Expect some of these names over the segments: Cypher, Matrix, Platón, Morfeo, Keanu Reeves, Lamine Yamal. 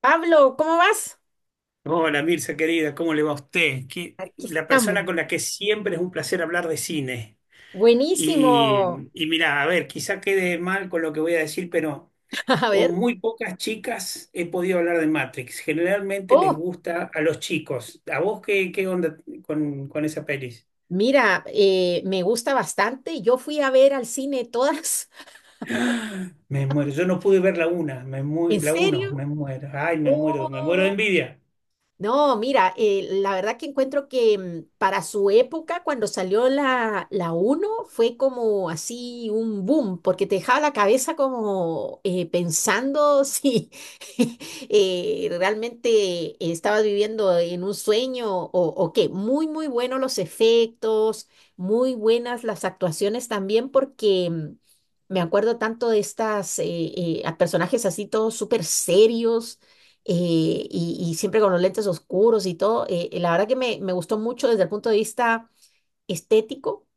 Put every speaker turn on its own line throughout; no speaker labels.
Pablo, ¿cómo vas?
Hola Mirza, querida, ¿cómo le va a usted?
Aquí
La
estamos.
persona con la que siempre es un placer hablar de cine. Y,
Buenísimo.
y mira, a ver, quizá quede mal con lo que voy a decir, pero
A ver.
con muy pocas chicas he podido hablar de Matrix. Generalmente les
Oh,
gusta a los chicos. ¿A vos qué, qué onda con esa pelis?
mira, me gusta bastante. Yo fui a ver al cine todas.
¡Ah! Me muero, yo no pude ver la una,
¿En
la uno,
serio?
me muero. Ay, me muero de
Oh,
envidia.
no, mira, la verdad que encuentro que para su época, cuando salió la uno fue como así un boom, porque te dejaba la cabeza como pensando si realmente estabas viviendo en un sueño o qué. Muy, muy buenos los efectos, muy buenas las actuaciones también, porque me acuerdo tanto de estas a personajes así todos súper serios, y siempre con los lentes oscuros y todo. La verdad que Me gustó mucho desde el punto de vista estético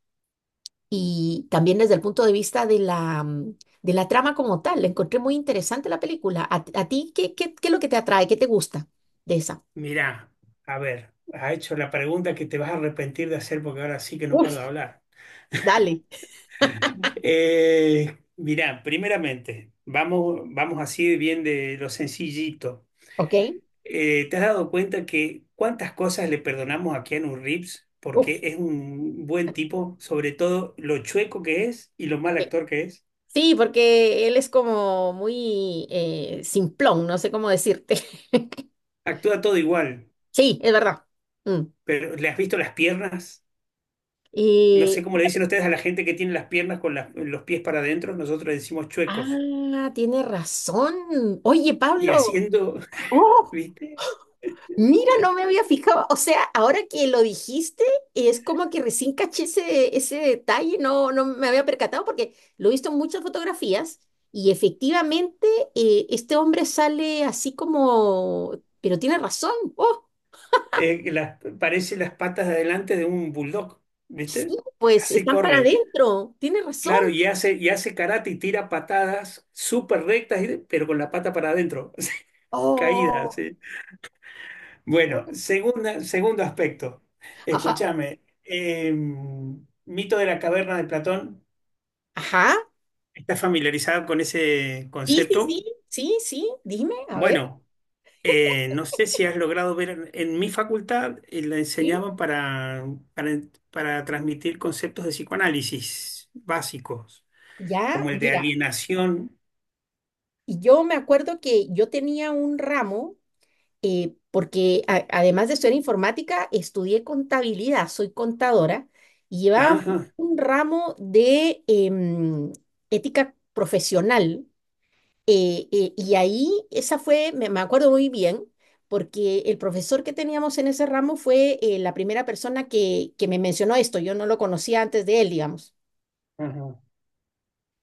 y también desde el punto de vista de de la trama como tal. La encontré muy interesante la película. ¿A ti qué es lo que te atrae? ¿Qué te gusta de esa?
Mirá, a ver, ha hecho la pregunta que te vas a arrepentir de hacer porque ahora sí que no
Uf,
paro de hablar.
dale.
Primeramente, vamos, vamos así bien de lo sencillito.
¿Ok?
¿Te has dado cuenta que cuántas cosas le perdonamos a Keanu Reeves? Porque
Uf.
es un buen tipo, sobre todo lo chueco que es y lo mal actor que es.
Sí, porque él es como muy simplón, no sé cómo decirte.
Actúa todo igual,
Sí, es verdad. Mm.
pero ¿le has visto las piernas? No
Y,
sé cómo le dicen ustedes a la gente que tiene las piernas con los pies para adentro, nosotros le decimos chuecos.
ah, tiene razón. Oye,
Y
Pablo.
haciendo,
Oh,
¿viste?
mira, no me había fijado. O sea, ahora que lo dijiste, es como que recién caché ese detalle, no me había percatado porque lo he visto en muchas fotografías y efectivamente este hombre sale así como, pero tiene razón. Oh,
Parece las patas de adelante de un bulldog,
sí,
¿viste?
pues
Así
están para
corre.
adentro, tiene razón.
Claro, y hace karate y tira patadas súper rectas, pero con la pata para adentro, sí, caída,
Oh,
sí. Bueno,
oh,
segundo aspecto.
ajá,
Escúchame, mito de la caverna de Platón.
ajá.
¿Estás familiarizado con ese
Sí, sí,
concepto?
sí, sí, sí, dime, a ver,
Bueno. No sé si has logrado ver, en mi facultad la
sí,
enseñaban para, para transmitir conceptos de psicoanálisis básicos,
ya,
como el de
mira.
alienación.
Y yo me acuerdo que yo tenía un ramo, porque además de estudiar informática, estudié contabilidad, soy contadora, y llevábamos
Ajá,
un ramo de ética profesional. Y ahí esa fue, me acuerdo muy bien, porque el profesor que teníamos en ese ramo fue la primera persona que me mencionó esto. Yo no lo conocía antes de él, digamos.
ajá.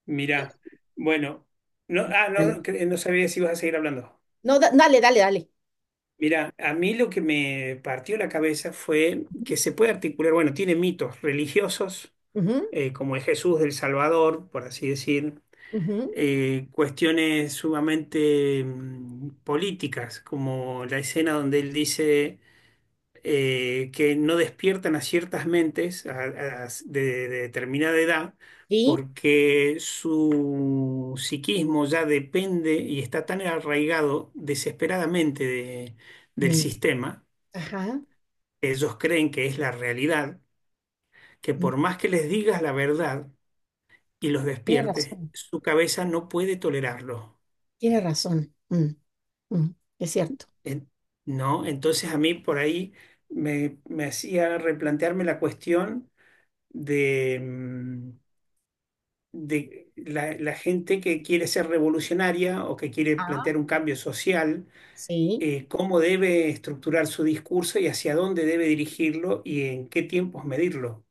Mira, bueno,
Dale.
no sabía si ibas a seguir hablando.
No, dale, dale, dale.
Mira, a mí lo que me partió la cabeza fue que se puede articular, bueno, tiene mitos religiosos,
Ujú,
como el Jesús del Salvador, por así decir,
ujú,
cuestiones sumamente políticas, como la escena donde él dice que no despiertan a ciertas mentes de determinada edad
sí.
porque su psiquismo ya depende y está tan arraigado desesperadamente del
Mm.
sistema,
Ajá.
ellos creen que es la realidad, que por más que les digas la verdad y los
Tienes
despiertes,
razón.
su cabeza no puede tolerarlo.
Tiene razón. Mm, mm, es cierto.
En- ¿No? Entonces a mí por ahí me hacía replantearme la cuestión de, de la, la gente que quiere ser revolucionaria o que quiere
Ah.
plantear un cambio social,
Sí.
cómo debe estructurar su discurso y hacia dónde debe dirigirlo y en qué tiempos medirlo.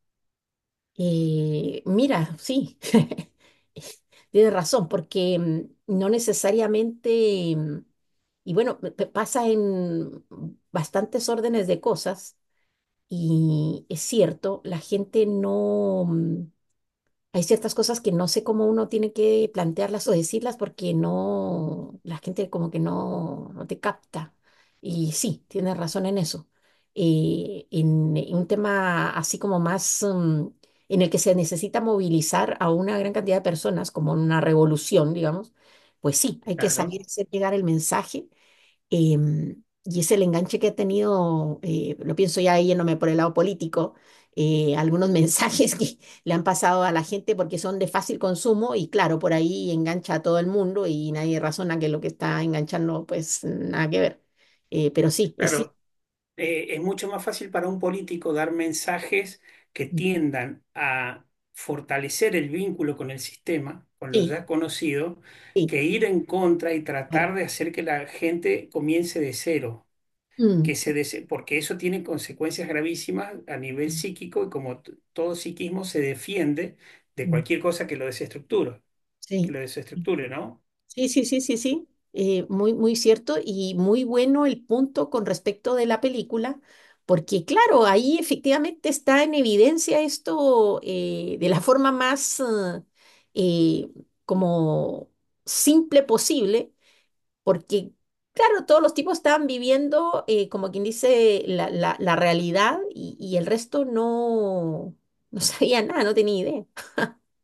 Mira, sí. Tiene razón, porque no necesariamente. Y bueno, pasa en bastantes órdenes de cosas, y es cierto, la gente no. Hay ciertas cosas que no sé cómo uno tiene que plantearlas o decirlas, porque no, la gente como que no te capta. Y sí, tienes razón en eso. En un tema así como más en el que se necesita movilizar a una gran cantidad de personas, como una revolución, digamos, pues sí, hay que
Claro,
saber hacer llegar el mensaje. Em, y es el enganche que ha tenido, lo pienso ya yéndome por el lado político, algunos mensajes que le han pasado a la gente, porque son de fácil consumo y claro, por ahí engancha a todo el mundo y nadie razona que lo que está enganchando pues nada que ver. Pero sí, es
claro. Eh, es mucho más fácil para un político dar mensajes que tiendan a fortalecer el vínculo con el sistema, con lo
sí,
ya conocido,
sí,
que ir en contra y
claro.
tratar de hacer que la gente comience de cero,
Mm,
porque eso tiene consecuencias gravísimas a nivel
mm,
psíquico y como todo psiquismo se defiende de
mm,
cualquier cosa que
sí.
lo desestructure, ¿no?
Sí, sí, sí, sí, sí. Muy, muy cierto y muy bueno el punto con respecto de la película, porque claro, ahí efectivamente está en evidencia esto, de la forma más eh, como simple posible, porque claro, todos los tipos estaban viviendo, como quien dice la realidad, y el resto no, no sabía nada, no tenía idea.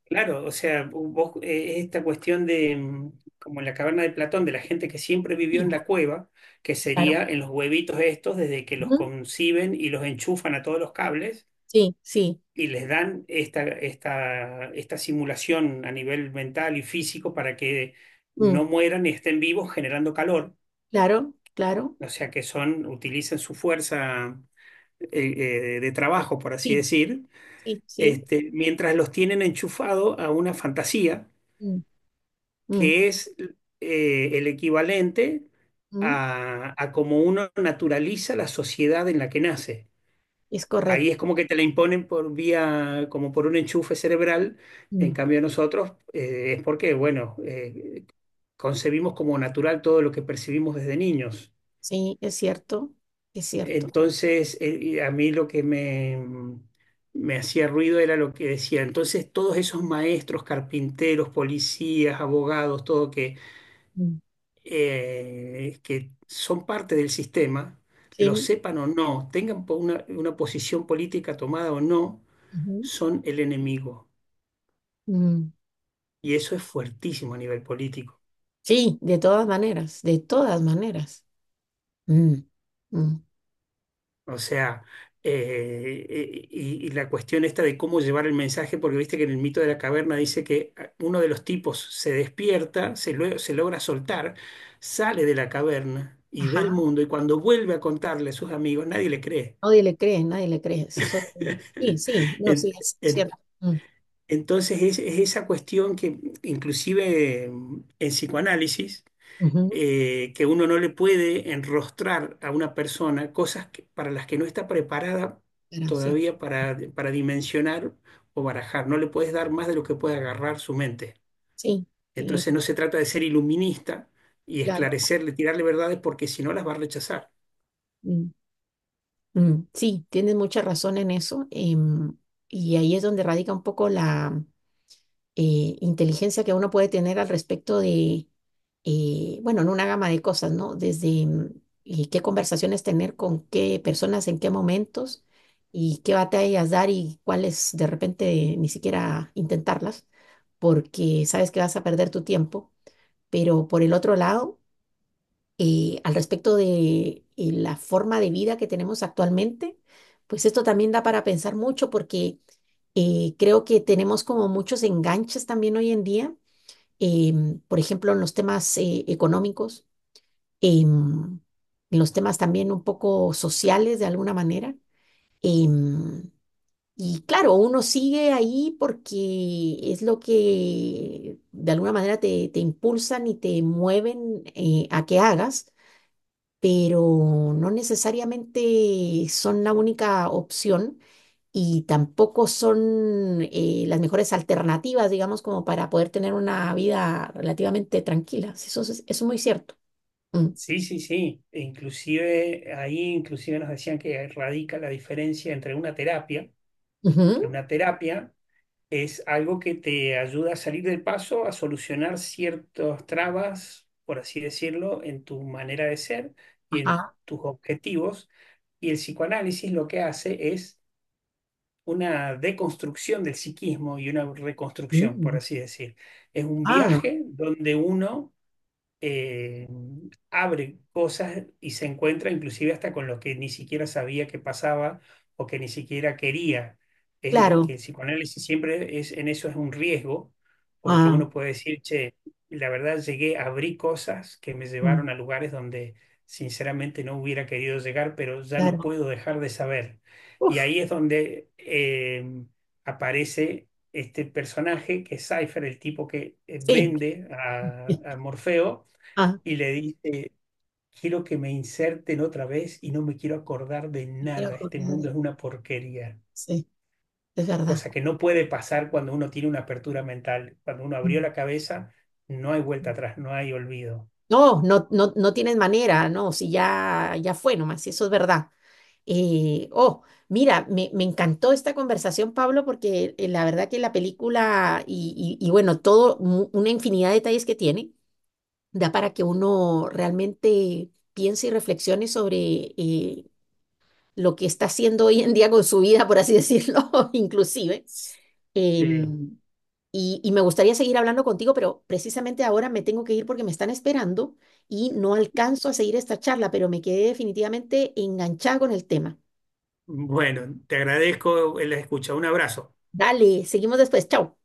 Claro, o sea, vos, esta cuestión de, como en la caverna de Platón, de la gente que siempre
Sí,
vivió en la cueva, que sería
claro.
en los huevitos estos, desde que los
Ujú,
conciben y los enchufan a todos los cables
sí, sí.
y les dan esta simulación a nivel mental y físico para que
mm,
no mueran y estén vivos generando calor.
claro, claro.
O sea, que son, utilizan su fuerza eh, de trabajo, por así
Sí,
decir,
sí, sí.
este, mientras los tienen enchufado a una fantasía
Mm, mm,
que es el equivalente
mm,
a como uno naturaliza la sociedad en la que nace.
es correcto.
Ahí es como que te la imponen por vía, como por un enchufe cerebral. En
mm,
cambio, nosotros es porque, bueno, concebimos como natural todo lo que percibimos desde niños.
Sí, es cierto. Es cierto.
Entonces, a mí lo que me hacía ruido era lo que decía. Entonces, todos esos maestros, carpinteros, policías, abogados, todo
mm,
que son parte del sistema, lo
Sí,
sepan o no, una posición política tomada o no,
ujú,
son el enemigo.
mm.
Y eso es fuertísimo a nivel político.
Sí, de todas maneras. De todas maneras. Mm, mm.
O sea, y la cuestión esta de cómo llevar el mensaje, porque viste que en el mito de la caverna dice que uno de los tipos se despierta, se logra soltar, sale de la caverna y ve el
Ajá.
mundo, y cuando vuelve a contarle a sus amigos, nadie le cree.
Nadie le cree, nadie le cree. Es eso, sí, sí, no,
En-
sí, es
en-
cierto. Mm,
Entonces es esa cuestión que inclusive en psicoanálisis,
ujú,
que uno no le puede enrostrar a una persona para las que no está preparada
pero sí,
todavía para dimensionar o barajar. No le puedes dar más de lo que puede agarrar su mente.
sí,
Entonces
sí,
no se trata de ser iluminista y
claro.
esclarecerle, tirarle verdades, porque si no las va a rechazar.
Mm, mm, sí, tienes mucha razón en eso. Em, y ahí es donde radica un poco la. Inteligencia que uno puede tener al respecto de, bueno, en una gama de cosas, ¿no? Desde y qué conversaciones tener con qué personas, en qué momentos y qué batallas dar y cuáles de repente ni siquiera intentarlas, porque sabes que vas a perder tu tiempo. Pero por el otro lado, al respecto de la forma de vida que tenemos actualmente, pues esto también da para pensar mucho porque creo que tenemos como muchos enganches también hoy en día. Em, por ejemplo, en los temas económicos, em, en los temas también un poco sociales de alguna manera. Em, y claro, uno sigue ahí porque es lo que de alguna manera te impulsan y te mueven a que hagas, pero no necesariamente son la única opción y tampoco son las mejores alternativas, digamos, como para poder tener una vida relativamente tranquila. Sí, eso es, eso es muy cierto. Mm.
Sí, sí, sí. Inclusive ahí inclusive nos decían que radica la diferencia entre una terapia que
Ujú.
una terapia es algo que te ayuda a salir del paso, a solucionar ciertas trabas, por así decirlo, en tu manera de ser y en
Ajá.
tus objetivos. Y el psicoanálisis lo que hace es una deconstrucción del psiquismo y una reconstrucción, por
Mm.
así decir. Es un
Ah,
viaje donde uno eh, abre cosas y se encuentra inclusive hasta con lo que ni siquiera sabía que pasaba o que ni siquiera quería. Es que
claro.
el psicoanálisis siempre es, en eso es un riesgo, porque
Ah,
uno puede decir, che, la verdad llegué, abrí cosas que me
mm,
llevaron a lugares donde sinceramente no hubiera querido llegar, pero ya no
claro.
puedo dejar de saber. Y
Uf,
ahí es donde aparece este personaje que es Cypher, el tipo que
sí.
vende a Morfeo
Ah,
y le dice, quiero que me inserten otra vez y no me quiero acordar de
me quiero
nada, este
acordar
mundo
de-
es una porquería,
Sí, es verdad.
cosa que no puede pasar cuando uno tiene una apertura mental, cuando uno abrió
Mm.
la cabeza, no hay vuelta atrás, no hay olvido.
No, no, no, no tienes manera, no, si ya, ya fue nomás, si eso es verdad. Oh, mira, me encantó esta conversación, Pablo, porque la verdad que la película y bueno, todo, una infinidad de detalles que tiene, da para que uno realmente piense y reflexione sobre lo que está haciendo hoy en día con su vida, por así decirlo, inclusive.
Sí.
Em, y me gustaría seguir hablando contigo, pero precisamente ahora me tengo que ir porque me están esperando y no alcanzo a seguir esta charla, pero me quedé definitivamente enganchada con el tema.
Bueno, te agradezco la escucha. Un abrazo.
Dale, seguimos después. Chao.